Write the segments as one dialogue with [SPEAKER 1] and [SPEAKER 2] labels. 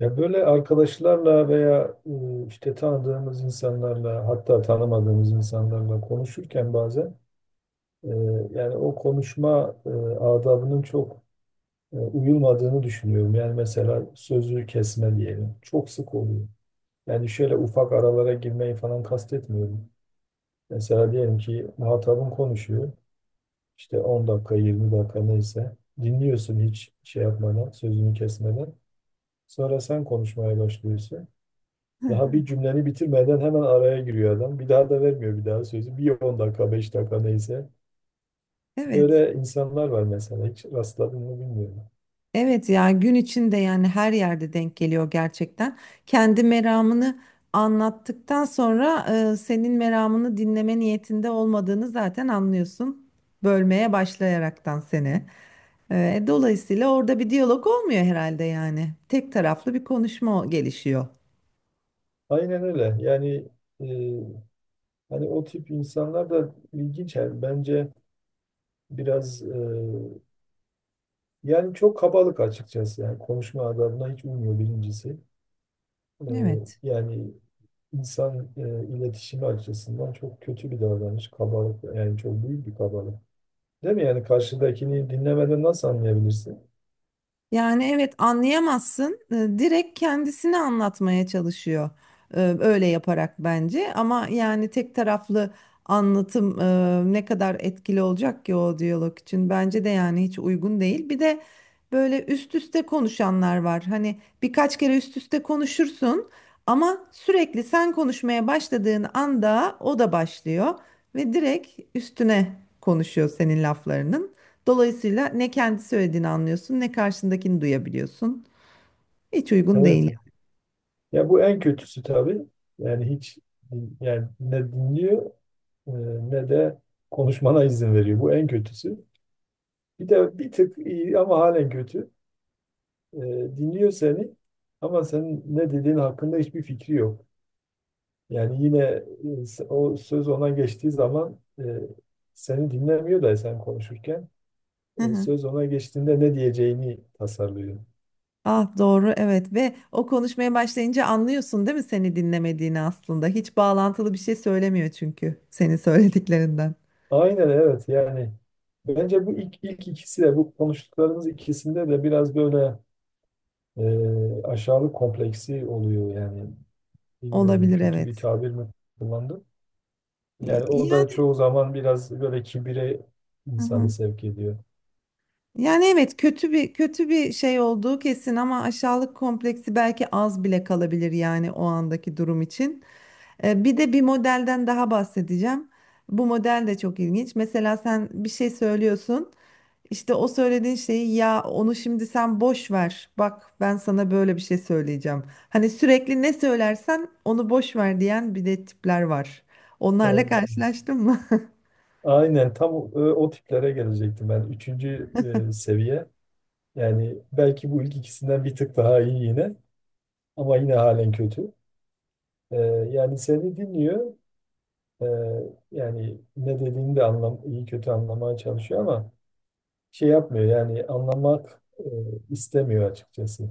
[SPEAKER 1] Ya böyle arkadaşlarla veya işte tanıdığımız insanlarla hatta tanımadığımız insanlarla konuşurken bazen e, yani o konuşma adabının çok uyulmadığını düşünüyorum. Yani mesela sözü kesme diyelim. Çok sık oluyor. Yani şöyle ufak aralara girmeyi falan kastetmiyorum. Mesela diyelim ki muhatabın konuşuyor. İşte 10 dakika 20 dakika neyse dinliyorsun hiç şey yapmadan sözünü kesmeden. Sonra sen konuşmaya başlıyorsun. Daha bir cümleni bitirmeden hemen araya giriyor adam. Bir daha da vermiyor bir daha sözü. Bir 10 dakika, 5 dakika neyse.
[SPEAKER 2] Evet.
[SPEAKER 1] Böyle insanlar var mesela. Hiç rastladın mı bilmiyorum.
[SPEAKER 2] Evet ya, gün içinde yani her yerde denk geliyor gerçekten. Kendi meramını anlattıktan sonra senin meramını dinleme niyetinde olmadığını zaten anlıyorsun. Bölmeye başlayaraktan seni. Dolayısıyla orada bir diyalog olmuyor herhalde yani. Tek taraflı bir konuşma gelişiyor.
[SPEAKER 1] Aynen öyle. Yani e, hani o tip insanlar da ilginç. Yani bence biraz yani çok kabalık açıkçası. Yani konuşma adabına hiç uymuyor birincisi. E,
[SPEAKER 2] Evet.
[SPEAKER 1] yani insan iletişimi açısından çok kötü bir davranış. Kabalık yani çok büyük bir kabalık. Değil mi? Yani karşıdakini dinlemeden nasıl anlayabilirsin?
[SPEAKER 2] Yani evet, anlayamazsın. Direkt kendisini anlatmaya çalışıyor. Öyle yaparak bence. Ama yani tek taraflı anlatım ne kadar etkili olacak ki o diyalog için. Bence de yani hiç uygun değil. Bir de böyle üst üste konuşanlar var. Hani birkaç kere üst üste konuşursun ama sürekli sen konuşmaya başladığın anda o da başlıyor ve direkt üstüne konuşuyor senin laflarının. Dolayısıyla ne kendi söylediğini anlıyorsun ne karşındakini duyabiliyorsun. Hiç uygun
[SPEAKER 1] Evet.
[SPEAKER 2] değil.
[SPEAKER 1] Ya bu en kötüsü tabii. Yani hiç yani ne dinliyor e, ne de konuşmana izin veriyor. Bu en kötüsü. Bir de bir tık iyi ama halen kötü. E, dinliyor seni ama senin ne dediğin hakkında hiçbir fikri yok. Yani yine o söz ona geçtiği zaman, seni dinlemiyor da sen konuşurken
[SPEAKER 2] Hı hı.
[SPEAKER 1] söz ona geçtiğinde ne diyeceğini tasarlıyor.
[SPEAKER 2] Ah, doğru, evet. Ve o konuşmaya başlayınca anlıyorsun değil mi seni dinlemediğini aslında. Hiç bağlantılı bir şey söylemiyor çünkü senin söylediklerinden.
[SPEAKER 1] Aynen evet. Yani bence bu ilk ikisi de, bu konuştuklarımız ikisinde de biraz böyle aşağılık kompleksi oluyor yani. Bilmiyorum,
[SPEAKER 2] Olabilir,
[SPEAKER 1] kötü bir
[SPEAKER 2] evet.
[SPEAKER 1] tabir mi kullandım. Yani o da
[SPEAKER 2] Yani
[SPEAKER 1] çoğu zaman biraz böyle kibire
[SPEAKER 2] hı
[SPEAKER 1] insanı
[SPEAKER 2] hı.
[SPEAKER 1] sevk ediyor.
[SPEAKER 2] Yani evet, kötü bir şey olduğu kesin ama aşağılık kompleksi belki az bile kalabilir yani o andaki durum için. Bir de bir modelden daha bahsedeceğim. Bu model de çok ilginç. Mesela sen bir şey söylüyorsun. İşte o söylediğin şeyi, ya onu şimdi sen boş ver. Bak, ben sana böyle bir şey söyleyeceğim. Hani sürekli ne söylersen onu boş ver diyen bir de tipler var. Onlarla
[SPEAKER 1] Evet.
[SPEAKER 2] karşılaştın mı?
[SPEAKER 1] Aynen tam o, o tiplere gelecektim ben. Üçüncü seviye yani, belki bu ilk ikisinden bir tık daha iyi yine ama yine halen kötü. E, yani seni dinliyor. Ee, yani ne dediğini de anlam iyi kötü anlamaya çalışıyor ama şey yapmıyor yani anlamak, istemiyor açıkçası.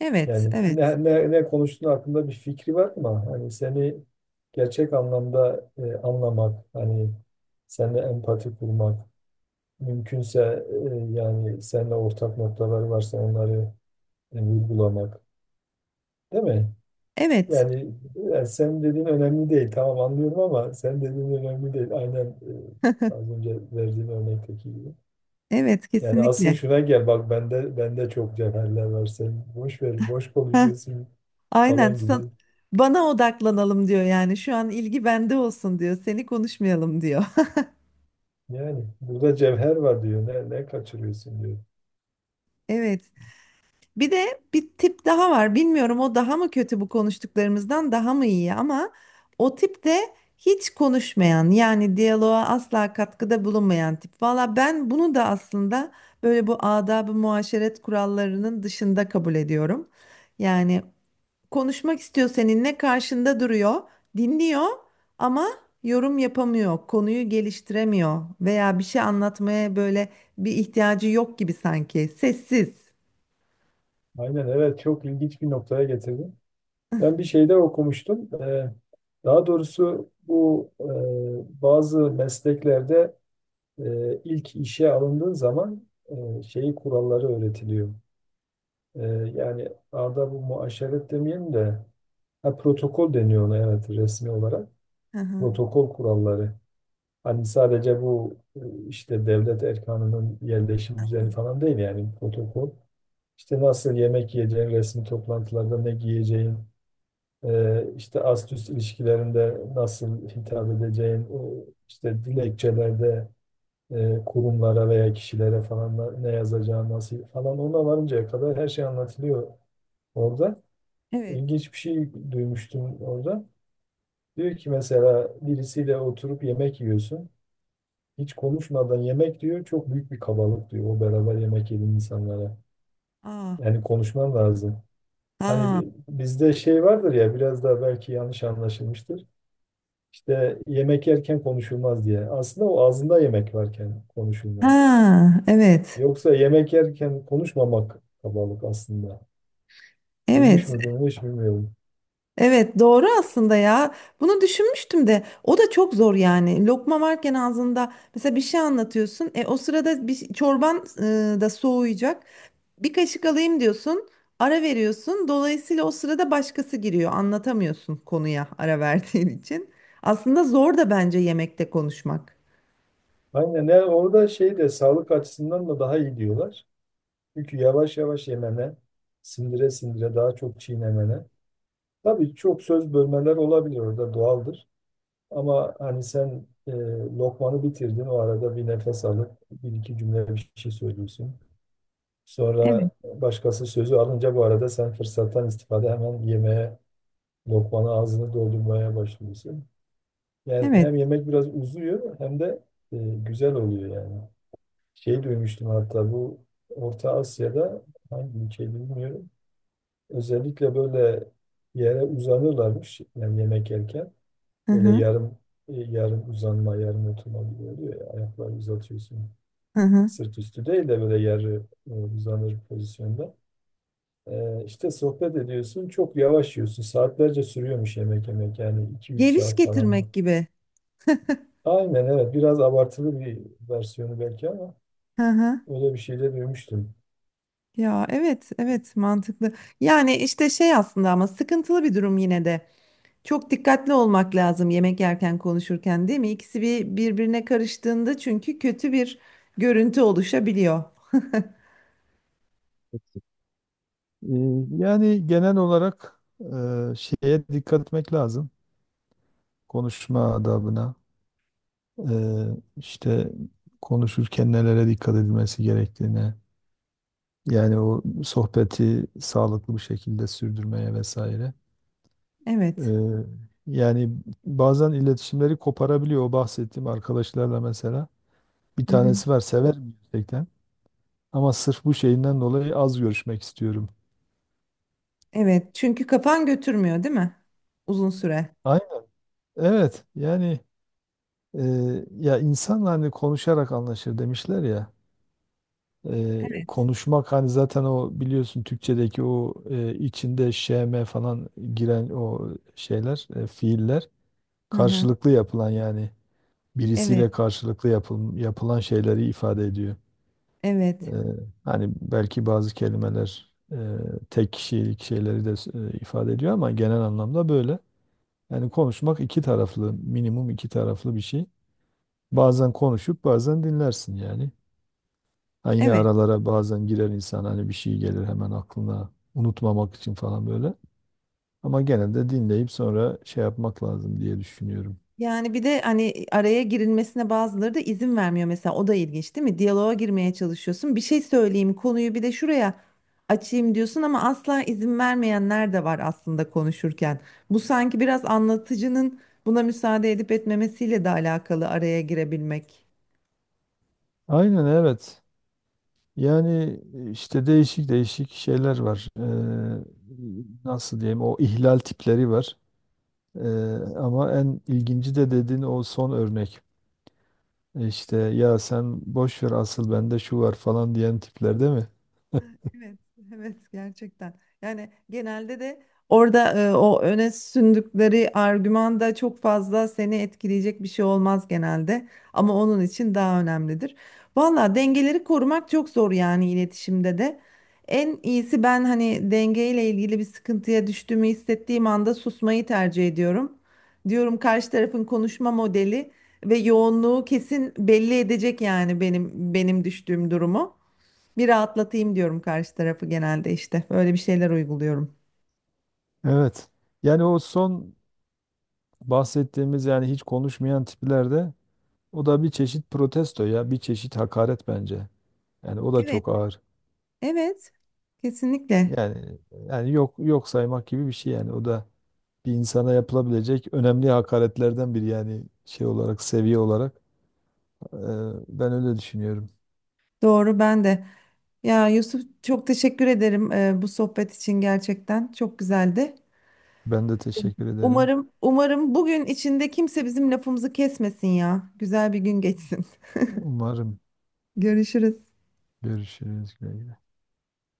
[SPEAKER 2] Evet,
[SPEAKER 1] Yani
[SPEAKER 2] evet.
[SPEAKER 1] ne konuştuğun hakkında bir fikri var ama hani seni gerçek anlamda anlamak, hani seninle empati kurmak, mümkünse yani seninle ortak noktaları varsa onları vurgulamak, değil mi?
[SPEAKER 2] Evet.
[SPEAKER 1] Yani, yani senin dediğin önemli değil. Tamam, anlıyorum ama senin dediğin önemli değil. Aynen az önce verdiğin örnekteki gibi.
[SPEAKER 2] Evet,
[SPEAKER 1] Yani asıl
[SPEAKER 2] kesinlikle.
[SPEAKER 1] şuna gel, bak bende çok cevherler var, sen boş ver, boş
[SPEAKER 2] Heh,
[SPEAKER 1] konuşuyorsun
[SPEAKER 2] aynen.
[SPEAKER 1] falan gibi.
[SPEAKER 2] Bana odaklanalım diyor yani. Şu an ilgi bende olsun diyor. Seni konuşmayalım diyor.
[SPEAKER 1] Yani burada cevher var diyor. Ne kaçırıyorsun diyor.
[SPEAKER 2] Evet. Bir de bir tip daha var. Bilmiyorum o daha mı kötü bu konuştuklarımızdan daha mı iyi, ama o tip de hiç konuşmayan, yani diyaloğa asla katkıda bulunmayan tip. Valla ben bunu da aslında böyle bu adab-ı muaşeret kurallarının dışında kabul ediyorum. Yani konuşmak istiyor seninle, karşında duruyor, dinliyor ama yorum yapamıyor, konuyu geliştiremiyor veya bir şey anlatmaya böyle bir ihtiyacı yok gibi sanki. Sessiz.
[SPEAKER 1] Aynen evet, çok ilginç bir noktaya getirdin. Ben bir şeyde okumuştum. Daha doğrusu bu, bazı mesleklerde ilk işe alındığın zaman şeyi kuralları öğretiliyor. E, yani arada bu muaşeret demeyelim de, ha, protokol deniyor ona, evet, resmi olarak.
[SPEAKER 2] Hı hı.
[SPEAKER 1] Protokol kuralları. Hani sadece bu, işte devlet erkanının yerleşim düzeni falan değil yani protokol. İşte nasıl yemek yiyeceğin, resmi toplantılarda ne giyeceğin, işte ast üst ilişkilerinde nasıl hitap edeceğin, o işte dilekçelerde kurumlara veya kişilere falan da ne yazacağı nasıl falan, ona varıncaya kadar her şey anlatılıyor orada.
[SPEAKER 2] Evet.
[SPEAKER 1] İlginç bir şey duymuştum orada. Diyor ki mesela birisiyle oturup yemek yiyorsun. Hiç konuşmadan yemek diyor çok büyük bir kabalık diyor o beraber yemek yediğin insanlara.
[SPEAKER 2] Ah,
[SPEAKER 1] Yani konuşman lazım. Hani
[SPEAKER 2] ah,
[SPEAKER 1] bizde şey vardır ya, biraz daha belki yanlış anlaşılmıştır. İşte yemek yerken konuşulmaz diye. Aslında o, ağzında yemek varken konuşulmaz.
[SPEAKER 2] ha, evet.
[SPEAKER 1] Yoksa yemek yerken konuşmamak kabalık aslında. Duymuş
[SPEAKER 2] Evet.
[SPEAKER 1] mu bunu hiç bilmiyorum.
[SPEAKER 2] Evet, doğru aslında ya. Bunu düşünmüştüm de o da çok zor yani. Lokma varken ağzında mesela bir şey anlatıyorsun. E, o sırada bir çorban da soğuyacak. Bir kaşık alayım diyorsun. Ara veriyorsun. Dolayısıyla o sırada başkası giriyor. Anlatamıyorsun konuya ara verdiğin için. Aslında zor da bence yemekte konuşmak.
[SPEAKER 1] Aynen, yani orada şey de, sağlık açısından da daha iyi diyorlar. Çünkü yavaş yavaş yemene, sindire sindire daha çok çiğnemene. Tabii çok söz bölmeler olabilir orada, doğaldır. Ama hani sen lokmanı bitirdin, o arada bir nefes alıp bir iki cümle bir şey söylüyorsun.
[SPEAKER 2] Evet.
[SPEAKER 1] Sonra başkası sözü alınca, bu arada sen fırsattan istifade hemen yemeğe, lokmanı ağzını doldurmaya başlıyorsun. Yani
[SPEAKER 2] Evet.
[SPEAKER 1] hem yemek biraz uzuyor hem de e, güzel oluyor yani. Şey duymuştum hatta, bu Orta Asya'da, hangi ülkeyi bilmiyorum. Özellikle böyle yere uzanırlarmış yani yemek yerken.
[SPEAKER 2] Hı
[SPEAKER 1] Böyle
[SPEAKER 2] hı.
[SPEAKER 1] yarım, yarım uzanma, yarım oturma gibi oluyor ya. Ayakları uzatıyorsun.
[SPEAKER 2] Hı hı.
[SPEAKER 1] Sırt üstü değil de böyle yarı, uzanır pozisyonda. İşte sohbet ediyorsun. Çok yavaş yiyorsun. Saatlerce sürüyormuş yemek yemek. Yani iki üç
[SPEAKER 2] Geviş
[SPEAKER 1] saat falan.
[SPEAKER 2] getirmek gibi.
[SPEAKER 1] Aynen evet. Biraz abartılı bir versiyonu belki ama
[SPEAKER 2] Hı hı.
[SPEAKER 1] öyle bir şey de duymuştum.
[SPEAKER 2] Ya evet, evet, mantıklı. Yani işte şey aslında ama sıkıntılı bir durum yine de. Çok dikkatli olmak lazım yemek yerken konuşurken, değil mi? İkisi bir birbirine karıştığında çünkü kötü bir görüntü oluşabiliyor.
[SPEAKER 1] Yani genel olarak şeye dikkat etmek lazım. Konuşma adabına, e, işte konuşurken nelere dikkat edilmesi gerektiğine, yani o sohbeti sağlıklı bir şekilde sürdürmeye vesaire. E,
[SPEAKER 2] Evet.
[SPEAKER 1] yani bazen iletişimleri koparabiliyor. O bahsettiğim arkadaşlarla mesela, bir
[SPEAKER 2] Hı hı.
[SPEAKER 1] tanesi var, sever gerçekten ama sırf bu şeyinden dolayı az görüşmek istiyorum.
[SPEAKER 2] Evet. Çünkü kafan götürmüyor değil mi? Uzun süre.
[SPEAKER 1] Aynen. Evet. Yani e, ya insan hani konuşarak anlaşır demişler ya.
[SPEAKER 2] Evet.
[SPEAKER 1] Konuşmak, hani zaten o biliyorsun Türkçedeki o, içinde şeme falan giren o şeyler, fiiller
[SPEAKER 2] Hı hı.
[SPEAKER 1] karşılıklı yapılan yani,
[SPEAKER 2] Evet.
[SPEAKER 1] birisiyle karşılıklı yapılan şeyleri ifade ediyor. E,
[SPEAKER 2] Evet.
[SPEAKER 1] hani belki bazı kelimeler tek kişilik şeyleri de ifade ediyor ama genel anlamda böyle. Yani konuşmak iki taraflı, minimum iki taraflı bir şey. Bazen konuşup bazen dinlersin yani. Ha, yine
[SPEAKER 2] Evet.
[SPEAKER 1] aralara bazen girer insan, hani bir şey gelir hemen aklına, unutmamak için falan böyle. Ama genelde dinleyip sonra şey yapmak lazım diye düşünüyorum.
[SPEAKER 2] Yani bir de hani araya girilmesine bazıları da izin vermiyor mesela, o da ilginç değil mi? Diyaloğa girmeye çalışıyorsun. Bir şey söyleyeyim, konuyu bir de şuraya açayım diyorsun ama asla izin vermeyenler de var aslında konuşurken. Bu sanki biraz anlatıcının buna müsaade edip etmemesiyle de alakalı araya girebilmek.
[SPEAKER 1] Aynen evet. Yani işte değişik değişik şeyler var. Nasıl diyeyim, o ihlal tipleri var. Ee, ama en ilginci de dediğin o son örnek. İşte ya sen boş ver, asıl bende şu var falan diyen tipler, değil mi?
[SPEAKER 2] Evet, evet, gerçekten. Yani genelde de orada o öne sündükleri argümanda çok fazla seni etkileyecek bir şey olmaz genelde. Ama onun için daha önemlidir. Valla dengeleri korumak çok zor yani iletişimde de. En iyisi, ben hani dengeyle ilgili bir sıkıntıya düştüğümü hissettiğim anda susmayı tercih ediyorum. Diyorum karşı tarafın konuşma modeli ve yoğunluğu kesin belli edecek yani benim düştüğüm durumu. Bir rahatlatayım diyorum karşı tarafı genelde, işte. Böyle bir şeyler uyguluyorum.
[SPEAKER 1] Evet. Yani o son bahsettiğimiz, yani hiç konuşmayan tiplerde, o da bir çeşit protesto ya bir çeşit hakaret bence. Yani o da
[SPEAKER 2] Evet,
[SPEAKER 1] çok ağır.
[SPEAKER 2] evet. Kesinlikle.
[SPEAKER 1] Yani, yani yok yok saymak gibi bir şey, yani o da bir insana yapılabilecek önemli hakaretlerden biri yani, şey olarak, seviye olarak. Ee, ben öyle düşünüyorum.
[SPEAKER 2] Doğru, ben de. Ya Yusuf, çok teşekkür ederim bu sohbet için gerçekten. Çok güzeldi.
[SPEAKER 1] Ben de teşekkür ederim.
[SPEAKER 2] Umarım bugün içinde kimse bizim lafımızı kesmesin ya. Güzel bir gün geçsin.
[SPEAKER 1] Umarım
[SPEAKER 2] Görüşürüz.
[SPEAKER 1] görüşürüz. Güle güle.